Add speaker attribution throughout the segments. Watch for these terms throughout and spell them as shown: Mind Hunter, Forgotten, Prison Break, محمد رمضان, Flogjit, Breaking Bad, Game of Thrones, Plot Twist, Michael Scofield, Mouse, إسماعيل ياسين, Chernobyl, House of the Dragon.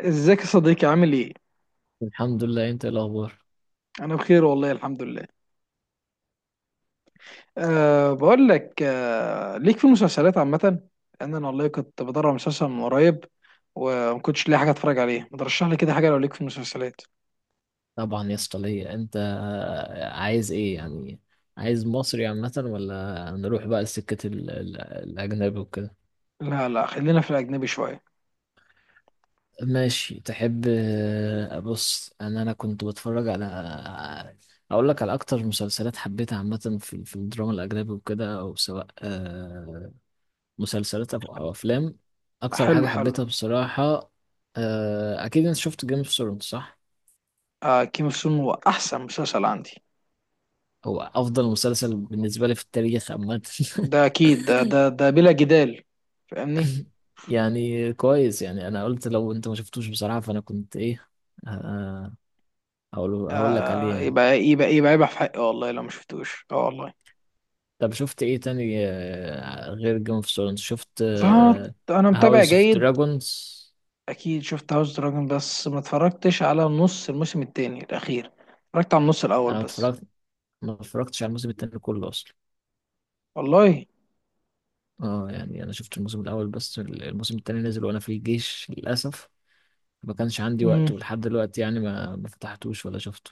Speaker 1: ازيك يا صديقي، عامل ايه؟
Speaker 2: الحمد لله. انت ايه الاخبار؟
Speaker 1: انا بخير والله، الحمد لله. بقول لك، ليك في المسلسلات عامة؟ لان انا والله كنت بدور على مسلسل من قريب وما كنتش لاقي حاجة اتفرج عليه. ما ترشح لي كده حاجة لو ليك في المسلسلات.
Speaker 2: طبعا يا اسطى، ليا انت. عايز ايه يعني؟ عايز مصري عامة ولا نروح بقى لسكة الأجنبي وكده؟
Speaker 1: لا لا، خلينا في الاجنبي شوية.
Speaker 2: ماشي، تحب. بص، أنا كنت بتفرج على. أقول لك على أكتر مسلسلات حبيتها عامة في الدراما الأجنبي وكده، أو سواء مسلسلات أو أفلام، أكتر
Speaker 1: حلو
Speaker 2: حاجة
Speaker 1: حلو.
Speaker 2: حبيتها بصراحة. أكيد أنت شفت جيم اوف ثرونز صح؟
Speaker 1: أه، كيم اوف سون هو احسن مسلسل عندي.
Speaker 2: هو أفضل مسلسل بالنسبة لي في التاريخ عامة.
Speaker 1: ده اكيد، ده ده ده بلا جدال، فاهمني؟
Speaker 2: يعني كويس، يعني انا قلت لو انت ما شفتوش بصراحة فانا كنت ايه. آه، هقول لك عليه
Speaker 1: آه،
Speaker 2: يعني.
Speaker 1: يبقى في حقي والله لو ما شفتوش. اه والله.
Speaker 2: طب شفت ايه تاني غير جيم اوف ثرونز؟ شفت
Speaker 1: فانا متابع
Speaker 2: هاوس اوف
Speaker 1: جيد.
Speaker 2: دراجونز؟
Speaker 1: اكيد شفت هاوس دراجون بس ما اتفرجتش على نص الموسم التاني الاخير، اتفرجت على النص الاول
Speaker 2: انا ما
Speaker 1: بس.
Speaker 2: اتفرجت ما اتفرجتش على الموسم التاني كله اصلا.
Speaker 1: والله.
Speaker 2: اه يعني انا شفت الموسم الاول، بس الموسم التاني نزل وانا في الجيش للاسف. ما كانش عندي وقت
Speaker 1: امم
Speaker 2: ولحد دلوقتي، يعني ما فتحتوش ولا شفته.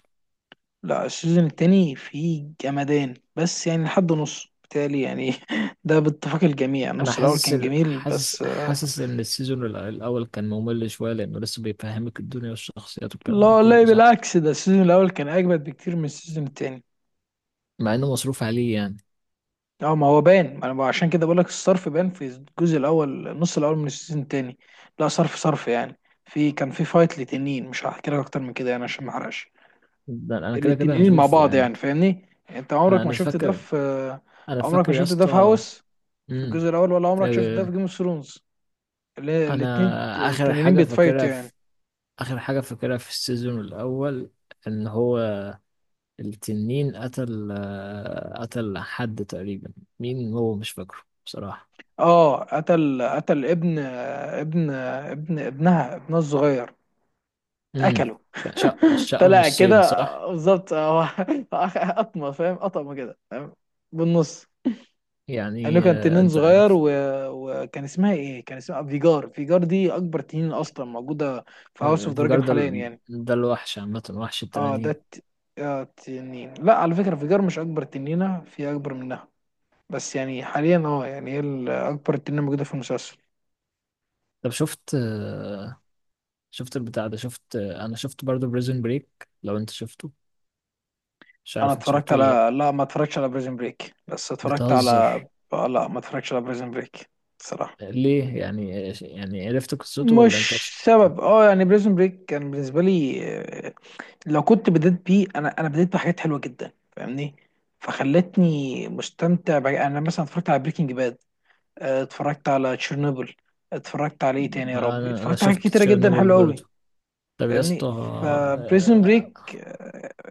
Speaker 1: لا، السيزون التاني فيه جمدان بس يعني لحد نص بالتالي يعني ده باتفاق الجميع،
Speaker 2: انا
Speaker 1: النص الاول
Speaker 2: حاسس
Speaker 1: كان جميل بس.
Speaker 2: ان السيزون الاول كان ممل شويه، لانه لسه بيفهمك الدنيا والشخصيات والكلام ده
Speaker 1: لا لا،
Speaker 2: كله، صح؟
Speaker 1: بالعكس، ده السيزون الاول كان اجمد بكتير من السيزون التاني.
Speaker 2: مع انه مصروف عليه يعني.
Speaker 1: اه، ما هو باين، ما انا عشان كده بقول لك الصرف باين في الجزء الاول، النص الاول من السيزون التاني. لا، صرف صرف يعني. كان في فايت لتنين، مش هحكي لك اكتر من كده يعني عشان ما احرقش.
Speaker 2: ده انا كده كده
Speaker 1: الاتنين مع
Speaker 2: هشوفه
Speaker 1: بعض
Speaker 2: يعني.
Speaker 1: يعني، فاهمني؟ انت
Speaker 2: انا
Speaker 1: عمرك ما
Speaker 2: انا
Speaker 1: شفت ده
Speaker 2: فاكر.
Speaker 1: في...
Speaker 2: انا فاكر يا اسطى.
Speaker 1: هاوس، في
Speaker 2: امم.
Speaker 1: الجزء الاول، ولا
Speaker 2: ف-
Speaker 1: عمرك شفت ده في جيم اوف ثرونز؟ الاتنين
Speaker 2: انا اخر
Speaker 1: التنانين
Speaker 2: حاجه
Speaker 1: بيتفايتوا
Speaker 2: فاكرها في
Speaker 1: يعني.
Speaker 2: اخر حاجه فاكرها في السيزون الاول، ان هو التنين قتل قتل حد تقريبا. مين هو مش فاكره بصراحه.
Speaker 1: اه، قتل ابنها الصغير.
Speaker 2: امم.
Speaker 1: اكله.
Speaker 2: كان شق شقه
Speaker 1: طلع كده
Speaker 2: نصين صح؟
Speaker 1: بالظبط هو. قطمه، فاهم؟ قطمه كده، فاهم؟ بالنص. انه
Speaker 2: يعني
Speaker 1: كان
Speaker 2: آه،
Speaker 1: تنين
Speaker 2: انت
Speaker 1: صغير. و... وكان اسمها ايه؟ كان اسمها فيجار. فيجار دي اكبر تنين اصلا موجوده في هاوس اوف
Speaker 2: فيجار
Speaker 1: دراجون
Speaker 2: ده
Speaker 1: حاليا يعني.
Speaker 2: ده الوحش عامة، وحش
Speaker 1: اه ده
Speaker 2: التنانين.
Speaker 1: الت... آه تنين، لا، على فكره فيجار مش اكبر تنينه، في اكبر منها. بس يعني حاليا يعني هي اكبر تنينه موجوده في المسلسل.
Speaker 2: طب شفت شفت البتاع ده، شفت انا شفت برضو بريزون بريك، لو انت شفته. مش
Speaker 1: انا
Speaker 2: عارف انت
Speaker 1: اتفرجت
Speaker 2: شفته ولا لا؟
Speaker 1: على لا، ما اتفرجتش على بريزن بريك، بس اتفرجت على
Speaker 2: بتهزر.
Speaker 1: آه، لا، ما اتفرجتش على بريزن بريك صراحه.
Speaker 2: ليه يعني يعني عرفت قصته ولا انت
Speaker 1: مش
Speaker 2: اصلا؟
Speaker 1: سبب، يعني بريزن بريك كان بالنسبه لي، لو كنت بديت بيه، انا بديت بحاجات حلوه جدا، فاهمني، فخلتني مستمتع بقى. انا مثلا اتفرجت على بريكنج باد، اتفرجت على تشيرنوبل، اتفرجت على ايه تاني يا
Speaker 2: ما
Speaker 1: ربي،
Speaker 2: انا
Speaker 1: اتفرجت على حاجات
Speaker 2: شفت
Speaker 1: كتيره جدا
Speaker 2: تشيرنوبل
Speaker 1: حلوه
Speaker 2: برضو.
Speaker 1: قوي،
Speaker 2: طب يا اسطى،
Speaker 1: فاهمني؟ فبريزن بريك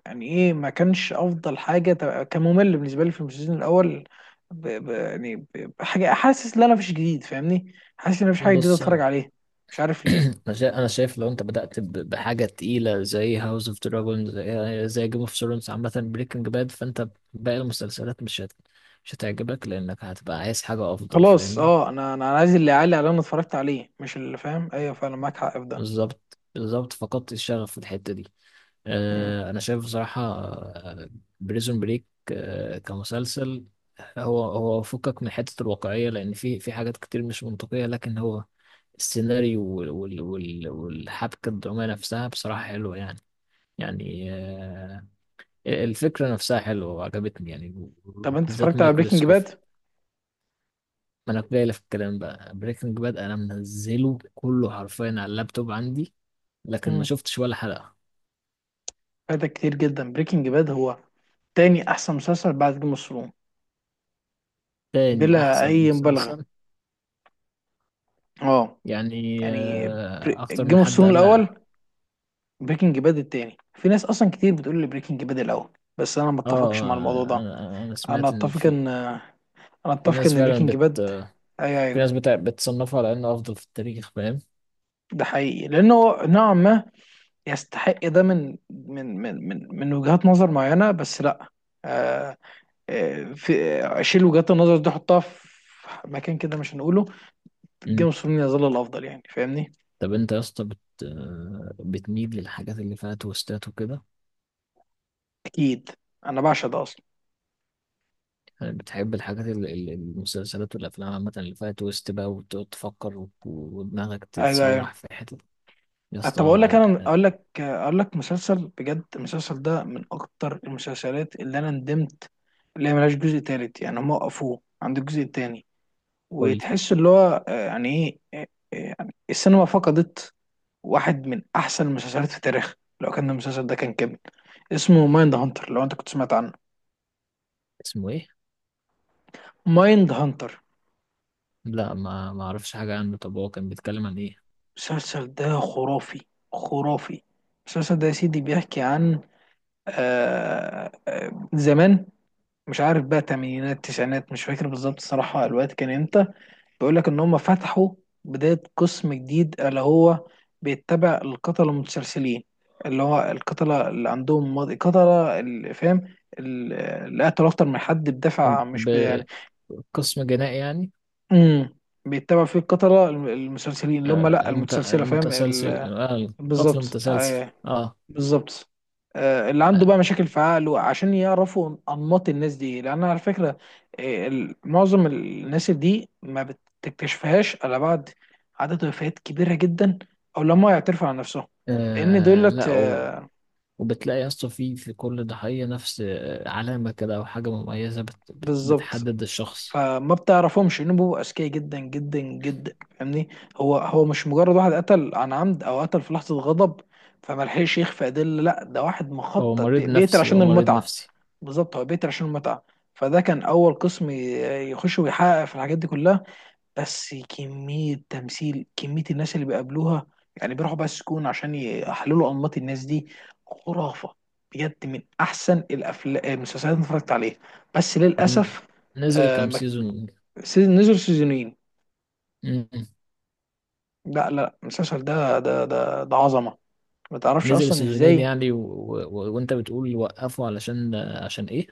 Speaker 1: يعني ايه؟ ما كانش افضل حاجه كان ممل بالنسبه لي في السيزون الاول. ب... ب... يعني ب... بحاجه، حاسس ان انا مفيش جديد، فاهمني، حاسس ان مفيش حاجه جديده
Speaker 2: بص
Speaker 1: اتفرج
Speaker 2: انا
Speaker 1: عليها، مش عارف ليه.
Speaker 2: انا شايف لو انت بدأت بحاجة تقيلة زي هاوس اوف دراجون، زي زي جيم اوف ثرونز عامة، بريكنج باد، فانت باقي المسلسلات مش هتعجبك، لانك هتبقى عايز حاجة افضل
Speaker 1: خلاص،
Speaker 2: فاهمني.
Speaker 1: انا عايز اللي يعلي على اللي انا اتفرجت عليه مش اللي فاهم. ايوه فعلا، معاك حق في ده.
Speaker 2: بالظبط، بالظبط، فقدت الشغف في الحتة دي.
Speaker 1: مم.
Speaker 2: آه انا شايف بصراحة بريزون بريك كمسلسل، هو فكك من حتة الواقعية، لان في حاجات كتير مش منطقية، لكن هو السيناريو والحبكة الدرامية نفسها بصراحة حلوة يعني. يعني الفكرة نفسها حلوة وعجبتني يعني.
Speaker 1: طب انت
Speaker 2: بالذات
Speaker 1: اتفرجت على
Speaker 2: مايكل
Speaker 1: بريكنج
Speaker 2: سكوفي.
Speaker 1: باد؟
Speaker 2: ما انا جاي في الكلام بقى، بريكنج باد انا منزله كله حرفيا على اللابتوب عندي، لكن ما
Speaker 1: امم
Speaker 2: شفتش ولا حلقة.
Speaker 1: فاتك كتير جدا، بريكنج باد هو تاني احسن مسلسل بعد جيم اوف ثرونز،
Speaker 2: تاني
Speaker 1: بلا
Speaker 2: احسن
Speaker 1: اي مبالغه.
Speaker 2: مسلسل؟
Speaker 1: اه
Speaker 2: يعني
Speaker 1: يعني
Speaker 2: اكتر من
Speaker 1: جيم اوف
Speaker 2: حد
Speaker 1: ثرونز
Speaker 2: قال، لا.
Speaker 1: الاول، بريكنج باد التاني. في ناس اصلا كتير بتقول لي بريكنج باد الاول، بس انا ما اتفقش مع الموضوع
Speaker 2: اه
Speaker 1: ده.
Speaker 2: انا
Speaker 1: انا
Speaker 2: سمعت ان
Speaker 1: اتفق
Speaker 2: في
Speaker 1: ان،
Speaker 2: في ناس فعلا
Speaker 1: بريكنج
Speaker 2: بت
Speaker 1: باد، ايوه
Speaker 2: في
Speaker 1: ايوه،
Speaker 2: ناس بتصنفه على انه افضل في التاريخ فاهم.
Speaker 1: ده حقيقي لانه نوعا ما يستحق ده من وجهات نظر معينة، بس لا. آه آه، في اشيل وجهات النظر دي، احطها في مكان كده مش هنقوله. جيم
Speaker 2: مم.
Speaker 1: اوف ثرونز يظل الافضل يعني، فاهمني؟
Speaker 2: طب انت يا اسطى بت... آه، بتميل للحاجات اللي فيها تويستات وكده؟
Speaker 1: اكيد، انا بعشق ده اصلا.
Speaker 2: بتحب الحاجات المسلسلات والأفلام عامة اللي فيها تويست بقى، وتقعد تفكر ودماغك
Speaker 1: ايوه ايوه.
Speaker 2: تتسوح في حتة، يا اسطى؟
Speaker 1: طب اقول لك، انا
Speaker 2: لا،
Speaker 1: اقول لك اقول لك مسلسل بجد. المسلسل ده من اكتر المسلسلات اللي انا ندمت، اللي هي ملهاش جزء تالت، يعني هم وقفوه عند الجزء التاني.
Speaker 2: قول لي.
Speaker 1: وتحس اللي هو، يعني ايه، يعني السينما فقدت واحد من احسن المسلسلات في التاريخ لو كان المسلسل ده كان كامل. اسمه مايند هانتر، لو انت كنت سمعت عنه.
Speaker 2: اسمه ايه؟
Speaker 1: مايند هانتر.
Speaker 2: لا ما اعرفش حاجة عنه. طب هو كان بيتكلم عن ايه؟
Speaker 1: المسلسل ده خرافي، خرافي. المسلسل ده يا سيدي بيحكي عن، زمان، مش عارف بقى، تمانينات تسعينات، مش فاكر بالظبط الصراحة الوقت كان امتى. بيقول لك ان هم فتحوا بداية قسم جديد، اللي هو بيتبع القتلة المتسلسلين، اللي هو القتلة اللي عندهم ماضي قتلة، اللي فاهم، اللي قتلوا اكتر من حد بدافع، مش يعني.
Speaker 2: بقسم جنائي يعني.
Speaker 1: امم بيتبع فيه القتلة المسلسلين اللي هم، لا، المتسلسلة، فاهم
Speaker 2: المتسلسل، القتل
Speaker 1: بالظبط.
Speaker 2: المتسلسل، اه.
Speaker 1: بالظبط. اللي عنده بقى مشاكل في عقله عشان يعرفوا انماط الناس دي، لان على فكره معظم الناس دي ما بتكتشفهاش الا بعد عدد وفيات كبيره جدا، او لما يعترفوا عن نفسهم، لان
Speaker 2: آه
Speaker 1: دولت،
Speaker 2: لا و- وبتلاقي يا اسطى في كل ضحية نفس علامة كده، أو حاجة مميزة بت بت
Speaker 1: بالظبط،
Speaker 2: بتحدد الشخص.
Speaker 1: فما بتعرفهمش لأنهم بيبقوا اذكياء جدا جدا جدا، فاهمني؟ هو مش مجرد واحد قتل عن عمد او قتل في لحظه غضب فما لحقش يخفي ادله، لا ده واحد
Speaker 2: هو
Speaker 1: مخطط،
Speaker 2: مريض
Speaker 1: بيقتل
Speaker 2: نفسي،
Speaker 1: عشان
Speaker 2: هو مريض
Speaker 1: المتعه.
Speaker 2: نفسي.
Speaker 1: بالظبط، هو بيقتل عشان المتعه. فده كان اول قسم يخش ويحقق في الحاجات دي كلها. بس كميه تمثيل، كميه الناس اللي بيقابلوها، يعني بيروحوا بقى السجون عشان يحللوا انماط الناس دي، خرافه. بجد من احسن الافلام، المسلسلات اللي اتفرجت عليها. بس
Speaker 2: طب
Speaker 1: للاسف.
Speaker 2: نزل
Speaker 1: آه،
Speaker 2: كام
Speaker 1: ما
Speaker 2: سيزون؟
Speaker 1: سيزن نزل سيزونين.
Speaker 2: مم.
Speaker 1: لا لا، المسلسل ده عظمة، ما تعرفش
Speaker 2: نزل
Speaker 1: أصلا
Speaker 2: سيزونين،
Speaker 1: إزاي.
Speaker 2: يعني وانت بتقول وقفوا عشان ايه؟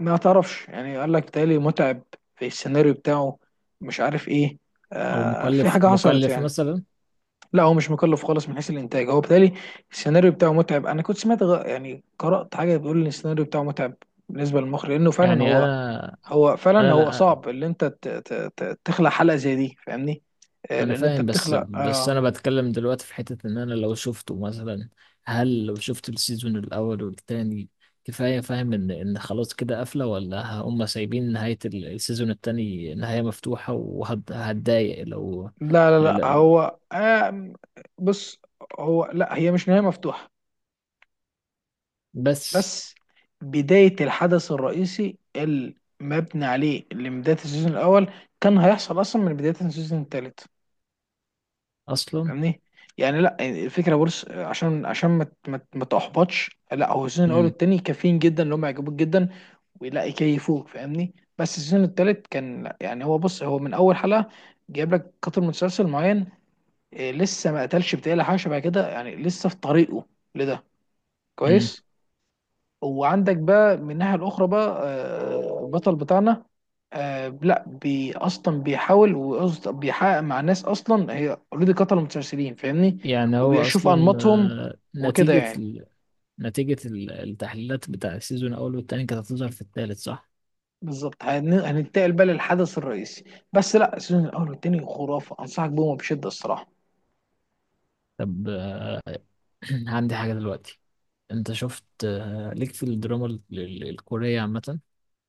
Speaker 1: ما تعرفش، يعني قال لك تالي متعب في السيناريو بتاعه، مش عارف إيه،
Speaker 2: او
Speaker 1: في
Speaker 2: مكلف،
Speaker 1: حاجة حصلت
Speaker 2: مكلف
Speaker 1: يعني.
Speaker 2: مثلا.
Speaker 1: لا، هو مش مكلف خالص من حيث الإنتاج، هو بالتالي السيناريو بتاعه متعب. أنا كنت سمعت، يعني قرأت حاجة بتقول إن السيناريو بتاعه متعب بالنسبة للمخرج، لأنه فعلا
Speaker 2: يعني انا انا
Speaker 1: هو
Speaker 2: لا
Speaker 1: صعب اللي أنت تخلق حلقة زي دي، فاهمني؟
Speaker 2: ما انا
Speaker 1: لأن أنت
Speaker 2: فاهم، بس
Speaker 1: بتخلق.
Speaker 2: انا بتكلم دلوقتي في حتة، ان انا لو شفته مثلا، هل لو شفت السيزون الاول والتاني كفاية؟ فاهم ان خلاص كده قافلة، ولا هم سايبين نهاية السيزون التاني نهاية مفتوحة وهتضايق لو
Speaker 1: لا لا لا،
Speaker 2: لا-
Speaker 1: هو آم، بص، لا، هي مش نهاية مفتوحة.
Speaker 2: بس
Speaker 1: بس بداية الحدث الرئيسي المبني عليه اللي من بداية السيزون الأول كان هيحصل أصلا من بداية السيزون التالت،
Speaker 2: اصلا.
Speaker 1: فاهمني؟ يعني لا، الفكرة، بص، عشان ما تحبطش. لا، هو السيزون الأول والتاني كافيين جدا إن هم يعجبوك جدا ولا يكيفوك، فاهمني؟ بس السيزون التالت كان، لا يعني، بص هو من أول حلقة جايب لك قاتل متسلسل معين. إيه، لسه ما قتلش، بتقل حاجه شبه كده يعني، لسه في طريقه لده،
Speaker 2: مم.
Speaker 1: كويس. وعندك بقى من الناحيه الاخرى بقى، البطل بتاعنا، لا، بي اصلا بيحاول، بيحقق مع ناس اصلا هي اوريدي قتلوا متسلسلين، فاهمني،
Speaker 2: يعني هو
Speaker 1: وبيشوف
Speaker 2: اصلا
Speaker 1: انماطهم وكده يعني.
Speaker 2: نتيجة التحليلات بتاع السيزون الاول والتاني كانت هتظهر في التالت صح؟
Speaker 1: بالظبط، هننتقل بقى للحدث الرئيسي. بس لا، السيزون الاول والتاني خرافه، انصحك بيهم بشده الصراحه.
Speaker 2: طب عندي حاجة دلوقتي. انت شفت ليك في الدراما الكورية عامة؟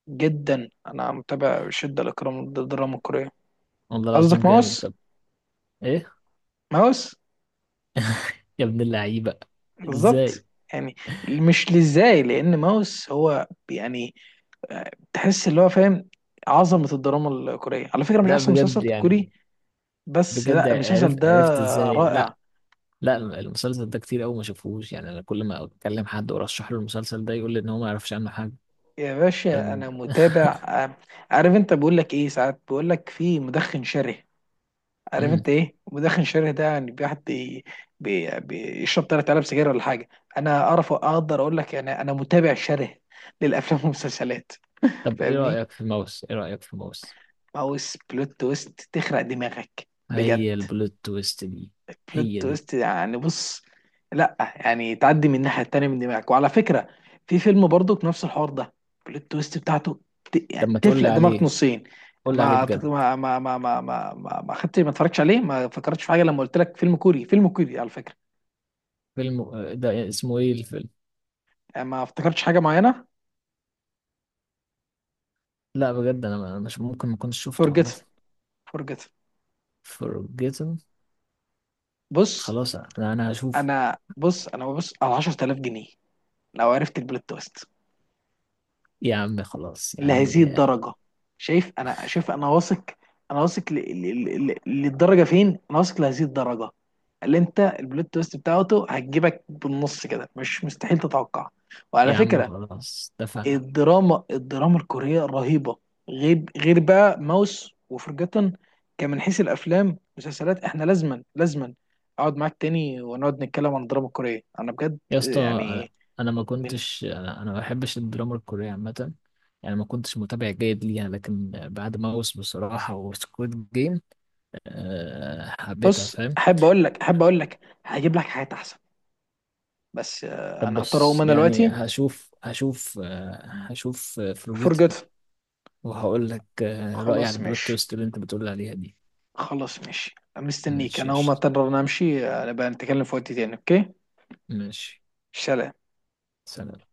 Speaker 1: جدا، انا متابع بشده الاكرام الدراما الكوريه.
Speaker 2: والله العظيم
Speaker 1: قصدك
Speaker 2: جامد.
Speaker 1: ماوس؟
Speaker 2: طب ايه؟
Speaker 1: ماوس.
Speaker 2: يا ابن اللعيبة، ازاي؟
Speaker 1: بالظبط يعني. مش لازاي، لان ماوس هو يعني، تحس اللي هو، فاهم؟ عظمه الدراما الكوريه، على فكره مش
Speaker 2: لا
Speaker 1: احسن
Speaker 2: بجد
Speaker 1: مسلسل كوري،
Speaker 2: يعني؟
Speaker 1: بس
Speaker 2: بجد
Speaker 1: لا، المسلسل
Speaker 2: عرفت
Speaker 1: ده
Speaker 2: ازاي؟ لا،
Speaker 1: رائع.
Speaker 2: لا، المسلسل ده كتير قوي ما شافوهوش، يعني انا كل ما اكلم حد وارشح له المسلسل ده يقول لي ان هو ما يعرفش عنه حاجة.
Speaker 1: يا باشا، انا متابع، عارف انت بقول لك ايه؟ ساعات بقول لك في مدخن شره. عارف
Speaker 2: امم.
Speaker 1: انت ايه مدخن شره ده يعني؟ بيحط، بيشرب تلات علب سجاير ولا حاجه. انا اعرف، اقدر اقول لك يعني انا متابع شره للافلام والمسلسلات،
Speaker 2: طب ايه
Speaker 1: فاهمني؟
Speaker 2: رأيك في ماوس، ايه رأيك في ماوس؟
Speaker 1: ماوس بلوت تويست، تخرق دماغك بجد.
Speaker 2: هي البلوت تويست دي،
Speaker 1: بلوت
Speaker 2: هي دي.
Speaker 1: تويست يعني، بص، لا يعني تعدي من الناحية التانية من دماغك. وعلى فكرة، في فيلم برضو نفس الحوار ده، بلوت تويست بتاعته، ت...
Speaker 2: طب
Speaker 1: يعني
Speaker 2: ما تقول لي
Speaker 1: تفلق دماغك
Speaker 2: عليه.
Speaker 1: نصين.
Speaker 2: قول لي عليه
Speaker 1: ما تت-
Speaker 2: بجد.
Speaker 1: ما ما ما ما ما ما, ما خدت، ما اتفرجتش عليه، ما فكرتش في حاجة لما قلت لك فيلم كوري. فيلم كوري، على فكرة،
Speaker 2: فيلم، ده اسمه ايه الفيلم؟
Speaker 1: يعني ما افتكرتش حاجة معينة.
Speaker 2: لا بجد، انا مش ممكن ما كنتش شفته
Speaker 1: فورجيت،
Speaker 2: عامة.
Speaker 1: فورجيت.
Speaker 2: Forgotten.
Speaker 1: بص،
Speaker 2: خلاص انا هشوفه.
Speaker 1: انا ببص على 10000 جنيه لو عرفت البلوت تويست
Speaker 2: يا عم خلاص
Speaker 1: لهذه
Speaker 2: يعني.
Speaker 1: الدرجة. شايف؟ انا واثق، انا واثق، للدرجة فين؟ انا واثق لهذه الدرجة اللي انت البلوت تويست بتاعته هتجيبك بالنص كده، مش مستحيل تتوقع. وعلى
Speaker 2: يا عم
Speaker 1: فكرة،
Speaker 2: خلاص اتفقنا.
Speaker 1: الدراما الكورية رهيبة. غير بقى ماوس وفرجتن، كان من حيث الافلام، مسلسلات، احنا لازما لازما اقعد معاك تاني ونقعد نتكلم عن الدراما الكورية انا بجد
Speaker 2: يا اسطى انا،
Speaker 1: يعني.
Speaker 2: أنا ما
Speaker 1: من
Speaker 2: كنتش انا أنا ما بحبش الدراما الكورية عامة. يعني ما كنتش متابع جيد ليها، لكن بعد ماوس بصراحة وسكويد جيم، أه حبيتها
Speaker 1: بص،
Speaker 2: فاهم.
Speaker 1: احب اقول لك هجيب لك حاجات احسن. بس
Speaker 2: طب
Speaker 1: انا هضطر اقوم
Speaker 2: بص،
Speaker 1: انا
Speaker 2: يعني
Speaker 1: دلوقتي.
Speaker 2: هشوف فلوجيت،
Speaker 1: فرجت.
Speaker 2: وهقول لك رأيي على
Speaker 1: خلاص
Speaker 2: البلوت
Speaker 1: ماشي.
Speaker 2: تويست اللي انت بتقول عليها دي.
Speaker 1: خلاص ماشي، مستنيك.
Speaker 2: ماشي
Speaker 1: انا هقوم
Speaker 2: قشطة.
Speaker 1: اضطر، أنا امشي. نبقى نتكلم في وقت تاني، اوكي.
Speaker 2: ماشي.
Speaker 1: سلام.
Speaker 2: سلام.